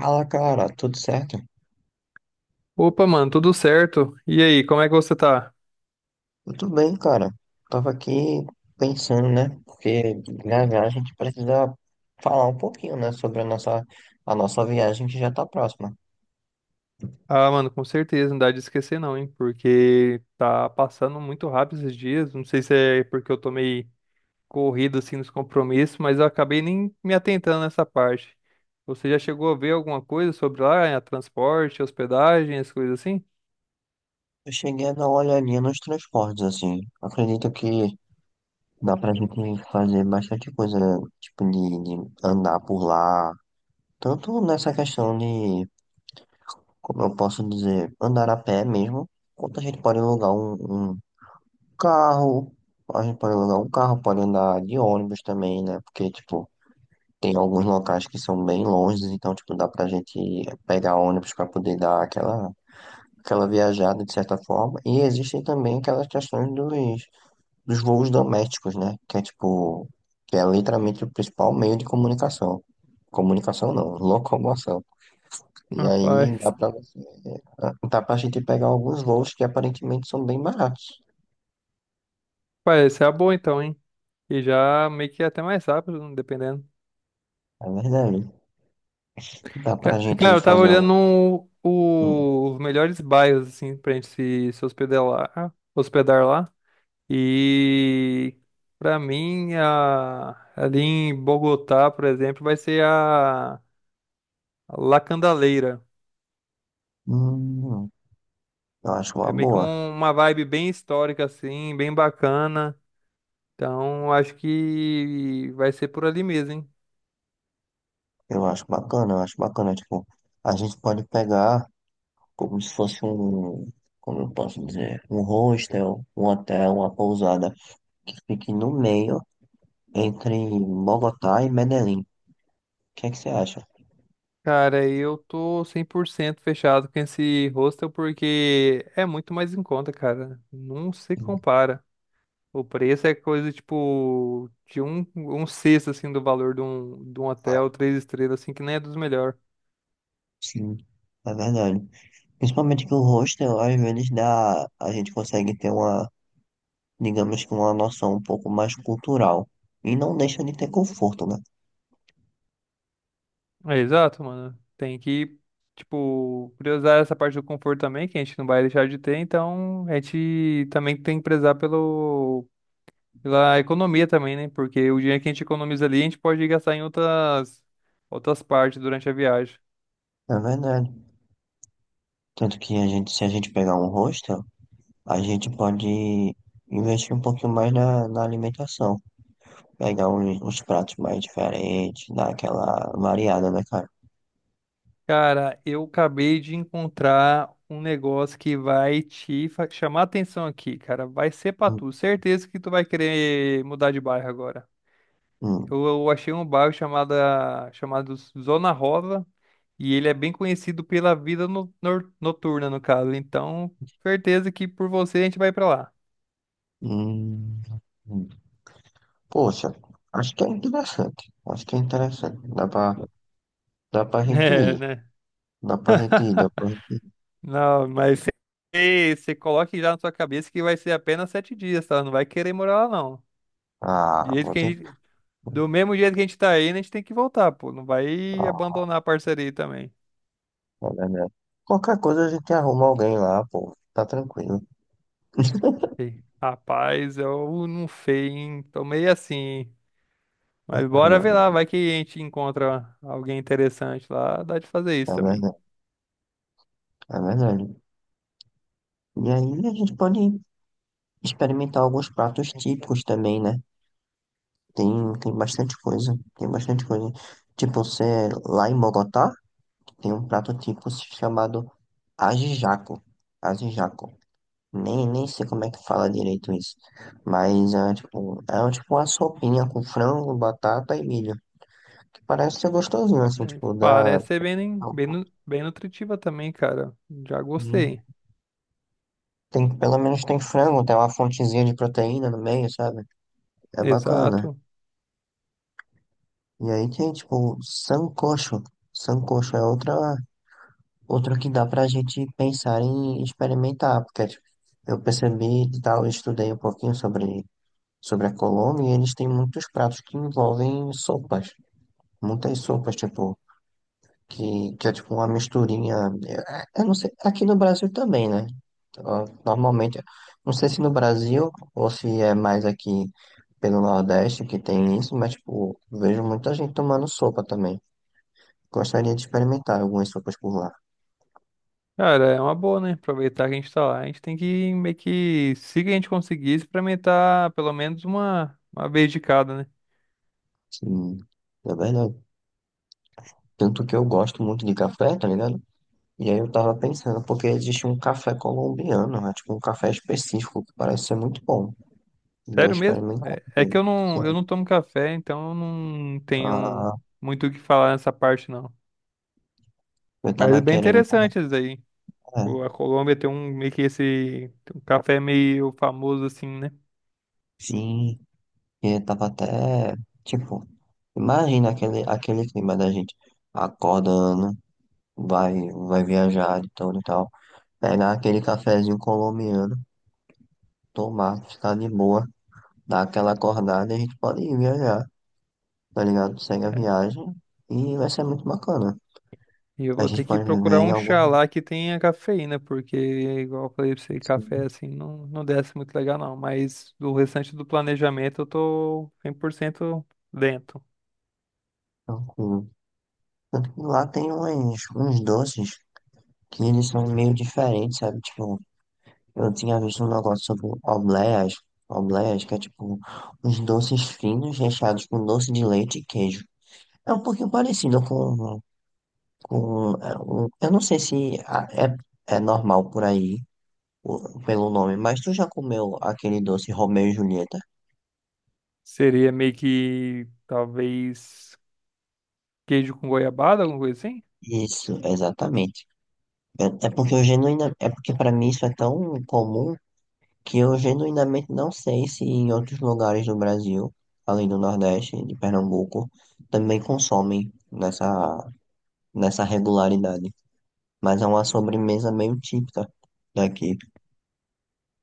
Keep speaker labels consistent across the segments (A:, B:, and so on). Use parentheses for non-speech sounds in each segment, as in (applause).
A: Fala, cara, tudo certo?
B: Opa, mano, tudo certo? E aí, como é que você tá?
A: Tudo bem, cara. Tava aqui pensando, né? Porque na viagem a gente precisa falar um pouquinho, né? Sobre a nossa viagem que já tá próxima.
B: Ah, mano, com certeza, não dá de esquecer não, hein? Porque tá passando muito rápido esses dias. Não sei se é porque eu tô meio corrido assim nos compromissos, mas eu acabei nem me atentando nessa parte. Você já chegou a ver alguma coisa sobre lá, transporte, hospedagem, as coisas assim?
A: Eu cheguei a dar uma olhadinha nos transportes, assim. Acredito que dá pra gente fazer bastante coisa, tipo, de andar por lá. Tanto nessa questão de, como eu posso dizer, andar a pé mesmo, quanto a gente pode alugar um Carro, a gente pode alugar um carro, pode andar de ônibus também, né? Porque, tipo, tem alguns locais que são bem longe, então, tipo, dá pra gente pegar ônibus pra poder dar aquela viajada de certa forma. E existem também aquelas questões dos voos domésticos, né? Que é, tipo, que é literalmente o principal meio de comunicação. Comunicação não, locomoção. E aí
B: Rapaz,
A: dá pra gente pegar alguns voos que aparentemente são bem baratos.
B: (laughs) parece ser a boa então, hein? E já meio que é até mais rápido, dependendo.
A: É verdade. Dá pra gente
B: Cara, eu tava
A: fazer
B: olhando
A: algum. um
B: os melhores bairros, assim, pra gente se hospedar lá, hospedar lá. E pra mim, a- ali em Bogotá, por exemplo, vai ser a La Candaleira.
A: Hum, eu acho uma
B: É meio que
A: boa.
B: um- uma vibe bem histórica, assim, bem bacana. Então, acho que vai ser por ali mesmo, hein?
A: Eu acho bacana, eu acho bacana. Tipo, a gente pode pegar como se fosse um, como eu posso dizer, um hostel, um hotel, uma pousada que fique no meio entre Bogotá e Medellín. O que é que você acha?
B: Cara, eu tô 100% fechado com esse hostel porque é muito mais em conta, cara. Não se
A: Hum,
B: compara. O preço é coisa, tipo, de um sexto, assim, do valor de de um
A: ah,
B: hotel, 3 estrelas, assim, que nem é dos melhores.
A: Sim, é verdade. Principalmente que o hostel, às vezes, a gente consegue ter uma, digamos que uma noção um pouco mais cultural. E não deixa de ter conforto, né?
B: É, exato, mano. Tem que, tipo, priorizar essa parte do conforto também, que a gente não vai deixar de ter, então a gente também tem que prezar pela economia também, né? Porque o dinheiro que a gente economiza ali, a gente pode gastar em outras partes durante a viagem.
A: É verdade. Tanto que se a gente pegar um hostel, a gente pode investir um pouquinho mais na alimentação. Pegar uns pratos mais diferentes, dar aquela variada, né, cara?
B: Cara, eu acabei de encontrar um negócio que vai te chamar a atenção aqui, cara. Vai ser pra
A: Hum,
B: tu. Certeza que tu vai querer mudar de bairro agora.
A: hum,
B: Eu achei um bairro chamado Zona Rosa e ele é bem conhecido pela vida noturna, no caso. Então, certeza que por você a gente vai pra lá.
A: hum, hum. Poxa, acho que é interessante. Acho que é interessante. Dá pra
B: (laughs)
A: gente
B: É,
A: ir.
B: né?
A: Dá pra gente ir, dá pra gente ir.
B: (laughs) Não, mas você coloque já na sua cabeça que vai ser apenas 7 dias, tá? Não vai querer morar lá, não. Do
A: Ah,
B: jeito
A: vou
B: que a
A: ter.
B: gente- do mesmo jeito que a gente tá indo, a gente tem que voltar, pô. Não vai
A: Ah,
B: abandonar a parceria também.
A: é verdade. Qualquer coisa a gente arruma alguém lá, pô. Tá tranquilo.
B: Ei, Rapaz, eu não sei, hein? Tô meio assim, hein?
A: É
B: Mas bora ver
A: verdade,
B: lá, vai que a gente encontra alguém interessante lá, dá de fazer
A: é
B: isso também.
A: verdade, é verdade. E aí a gente pode experimentar alguns pratos típicos também, né? Tem, tem bastante coisa, tem bastante coisa. Tipo, você é lá em Bogotá, tem um prato típico chamado ajijaco. Ajijaco. Nem sei como é que fala direito isso. Mas é tipo, é um, tipo uma sopinha com frango, batata e milho. Que parece ser gostosinho, assim,
B: Mas
A: tipo, dá.
B: parece ser bem, bem, bem nutritiva também, cara. Já gostei.
A: Tem, pelo menos tem frango, tem uma fontezinha de proteína no meio, sabe? É bacana.
B: Exato.
A: E aí tem, tipo, sancocho. Sancocho é outra, outro que dá pra gente pensar em experimentar, porque tipo, eu percebi e tal, eu estudei um pouquinho sobre a Colômbia e eles têm muitos pratos que envolvem sopas. Muitas sopas, tipo, que é tipo uma misturinha. Eu não sei, aqui no Brasil também, né? Ó, normalmente, não sei se no Brasil ou se é mais aqui pelo Nordeste que tem isso, mas, tipo, vejo muita gente tomando sopa também. Gostaria de experimentar algumas sopas por lá.
B: Cara, é uma boa, né? Aproveitar que a gente tá lá. A gente tem que meio que, se a gente conseguir, experimentar pelo menos uma vez de cada, né?
A: Sim, é verdade. Tanto que eu gosto muito de café, tá ligado? E aí eu tava pensando, porque existe um café colombiano, né? Tipo um café específico, que parece ser muito bom. Vou
B: Sério mesmo?
A: experimentar
B: É, é
A: também.
B: que eu
A: Sério.
B: não tomo café, então eu não tenho
A: Ah,
B: muito o que falar nessa parte, não.
A: eu
B: Mas
A: tava
B: é bem
A: querendo.
B: interessante isso aí. Tipo,
A: É,
B: a Colômbia tem um meio que esse um café meio famoso assim, né?
A: sim, e eu tava até. Tipo, imagina aquele clima da gente acordando, vai, vai viajar de todo e tal. Pegar aquele cafezinho colombiano, tomar, ficar de boa. Dá aquela acordada e a gente pode ir viajar, tá ligado? Segue a
B: É.
A: viagem e vai ser muito bacana.
B: E eu
A: A
B: vou
A: gente
B: ter que
A: pode viver
B: procurar
A: em
B: um
A: algum
B: chá
A: lugar
B: lá que tenha cafeína, porque, igual eu falei pra você, café
A: assim,
B: assim não desce muito legal, não. Mas o restante do planejamento eu tô 100% dentro.
A: tranquilo. Tanto que lá tem uns doces que eles são meio diferentes, sabe? Tipo, eu tinha visto um negócio sobre obleias, que é tipo uns doces finos recheados com doce de leite e queijo. É um pouquinho parecido com, eu não sei se é normal por aí, pelo nome, mas tu já comeu aquele doce Romeu e Julieta?
B: Seria meio que, talvez, queijo com goiabada, alguma coisa assim?
A: Isso, exatamente. É porque para mim isso é tão comum que eu genuinamente não sei se em outros lugares do Brasil, além do Nordeste, de Pernambuco, também consomem nessa regularidade. Mas é uma sobremesa meio típica daqui.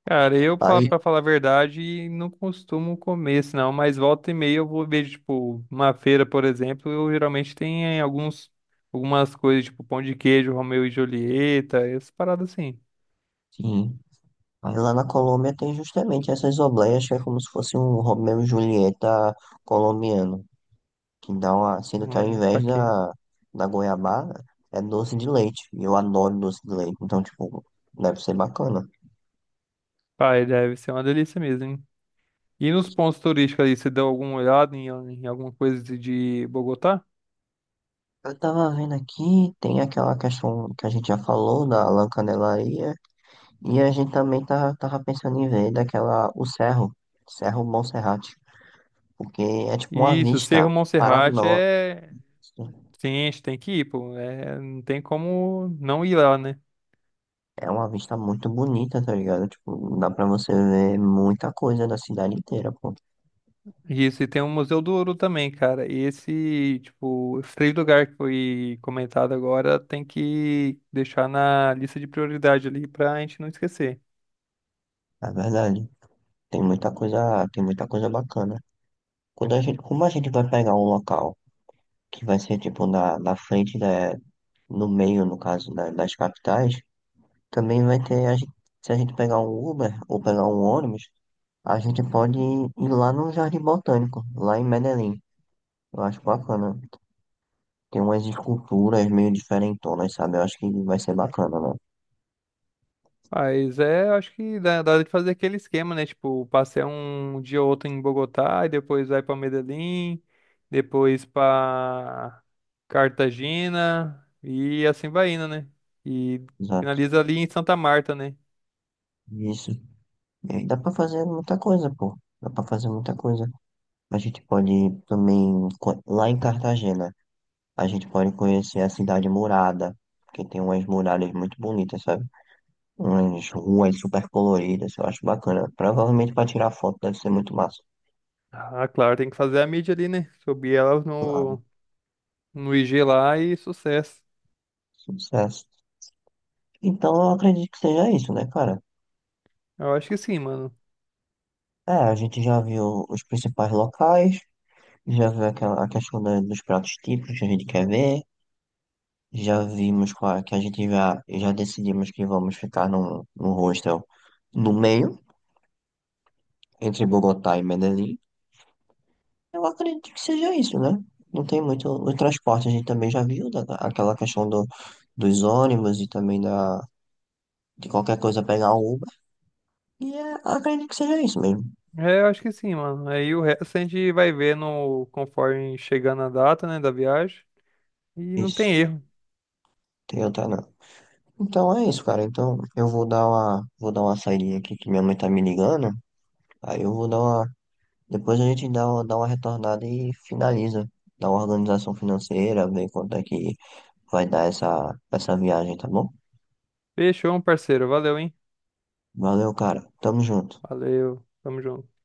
B: Cara,
A: Aí,
B: pra falar a verdade, não costumo comer, senão, mas volta e meia eu vou ver, tipo, uma feira, por exemplo, eu geralmente tenho algumas coisas, tipo, pão de queijo, Romeu e Julieta, essas paradas assim.
A: sim. Aí lá na Colômbia tem justamente essas obleias que é como se fosse um Romeu e Julieta colombiano. Que dá uma, sendo que ao invés
B: Saquei.
A: da goiabada, é doce de leite. E eu adoro doce de leite, então, tipo, deve ser bacana.
B: Pai, deve ser uma delícia mesmo, hein? E nos pontos turísticos aí, você deu alguma olhada em, em alguma coisa de Bogotá?
A: Eu tava vendo aqui, tem aquela questão que a gente já falou da Lã Canelaria, e a gente também tava pensando em ver daquela, o Cerro, Cerro Monserrate, porque é tipo uma
B: Isso, Cerro
A: vista para
B: Monserrate
A: nós.
B: é. Sim, a gente tem que ir, pô. É, não tem como não ir lá, né?
A: É uma vista muito bonita, tá ligado? Tipo, dá pra você ver muita coisa da cidade inteira, pô.
B: Isso, e tem o Museu do Ouro também, cara. E esse, tipo, esse três lugar que foi comentado agora tem que deixar na lista de prioridade ali pra gente não esquecer.
A: É verdade. Tem muita coisa bacana. Quando a gente, como a gente vai pegar um local que vai ser tipo na frente da, no meio, no caso, das capitais, também vai ter, a gente, se a gente pegar um Uber ou pegar um ônibus, a gente pode ir lá no Jardim Botânico, lá em Medellín. Eu acho bacana. Tem umas esculturas meio diferentonas, sabe? Eu acho que vai ser bacana, né?
B: Mas é, acho que dá, dá de fazer aquele esquema, né? Tipo, passei um dia ou outro em Bogotá e depois vai pra Medellín, depois pra Cartagena e assim vai indo, né? E
A: Exato.
B: finaliza ali em Santa Marta, né?
A: Isso. E aí dá pra fazer muita coisa, pô. Dá pra fazer muita coisa. A gente pode também, lá em Cartagena. A gente pode conhecer a cidade murada, que tem umas muralhas muito bonitas, sabe? Umas ruas super coloridas, eu acho bacana. Provavelmente para tirar foto deve ser muito massa.
B: Ah, claro, tem que fazer a mídia ali, né? Subir ela
A: Claro,
B: no IG lá e sucesso.
A: sucesso. Então eu acredito que seja isso, né, cara?
B: Eu acho que sim, mano.
A: É, a gente já viu os principais locais, já viu aquela, a questão dos pratos típicos que a gente quer ver, já vimos é, que a gente já decidimos que vamos ficar num hostel no meio, entre Bogotá e Medellín. Eu acredito que seja isso, né? Não tem muito. O transporte a gente também já viu, aquela questão dos ônibus e também da, de qualquer coisa pegar um Uber. E é, acredito que seja isso mesmo.
B: É, eu acho que sim, mano. Aí o resto a gente vai ver no, conforme chegar na data, né, da viagem. E não tem
A: Isso.
B: erro.
A: Tem outra não. Então é isso, cara. Então eu vou vou dar uma saidinha aqui que minha mãe tá me ligando. Aí eu vou dar uma. Depois a gente dá uma retornada e finaliza. Dá uma organização financeira, ver quanto é que vai dar essa viagem, tá bom?
B: Fechou, parceiro. Valeu, hein?
A: Valeu, cara. Tamo junto.
B: Valeu. Tamo junto.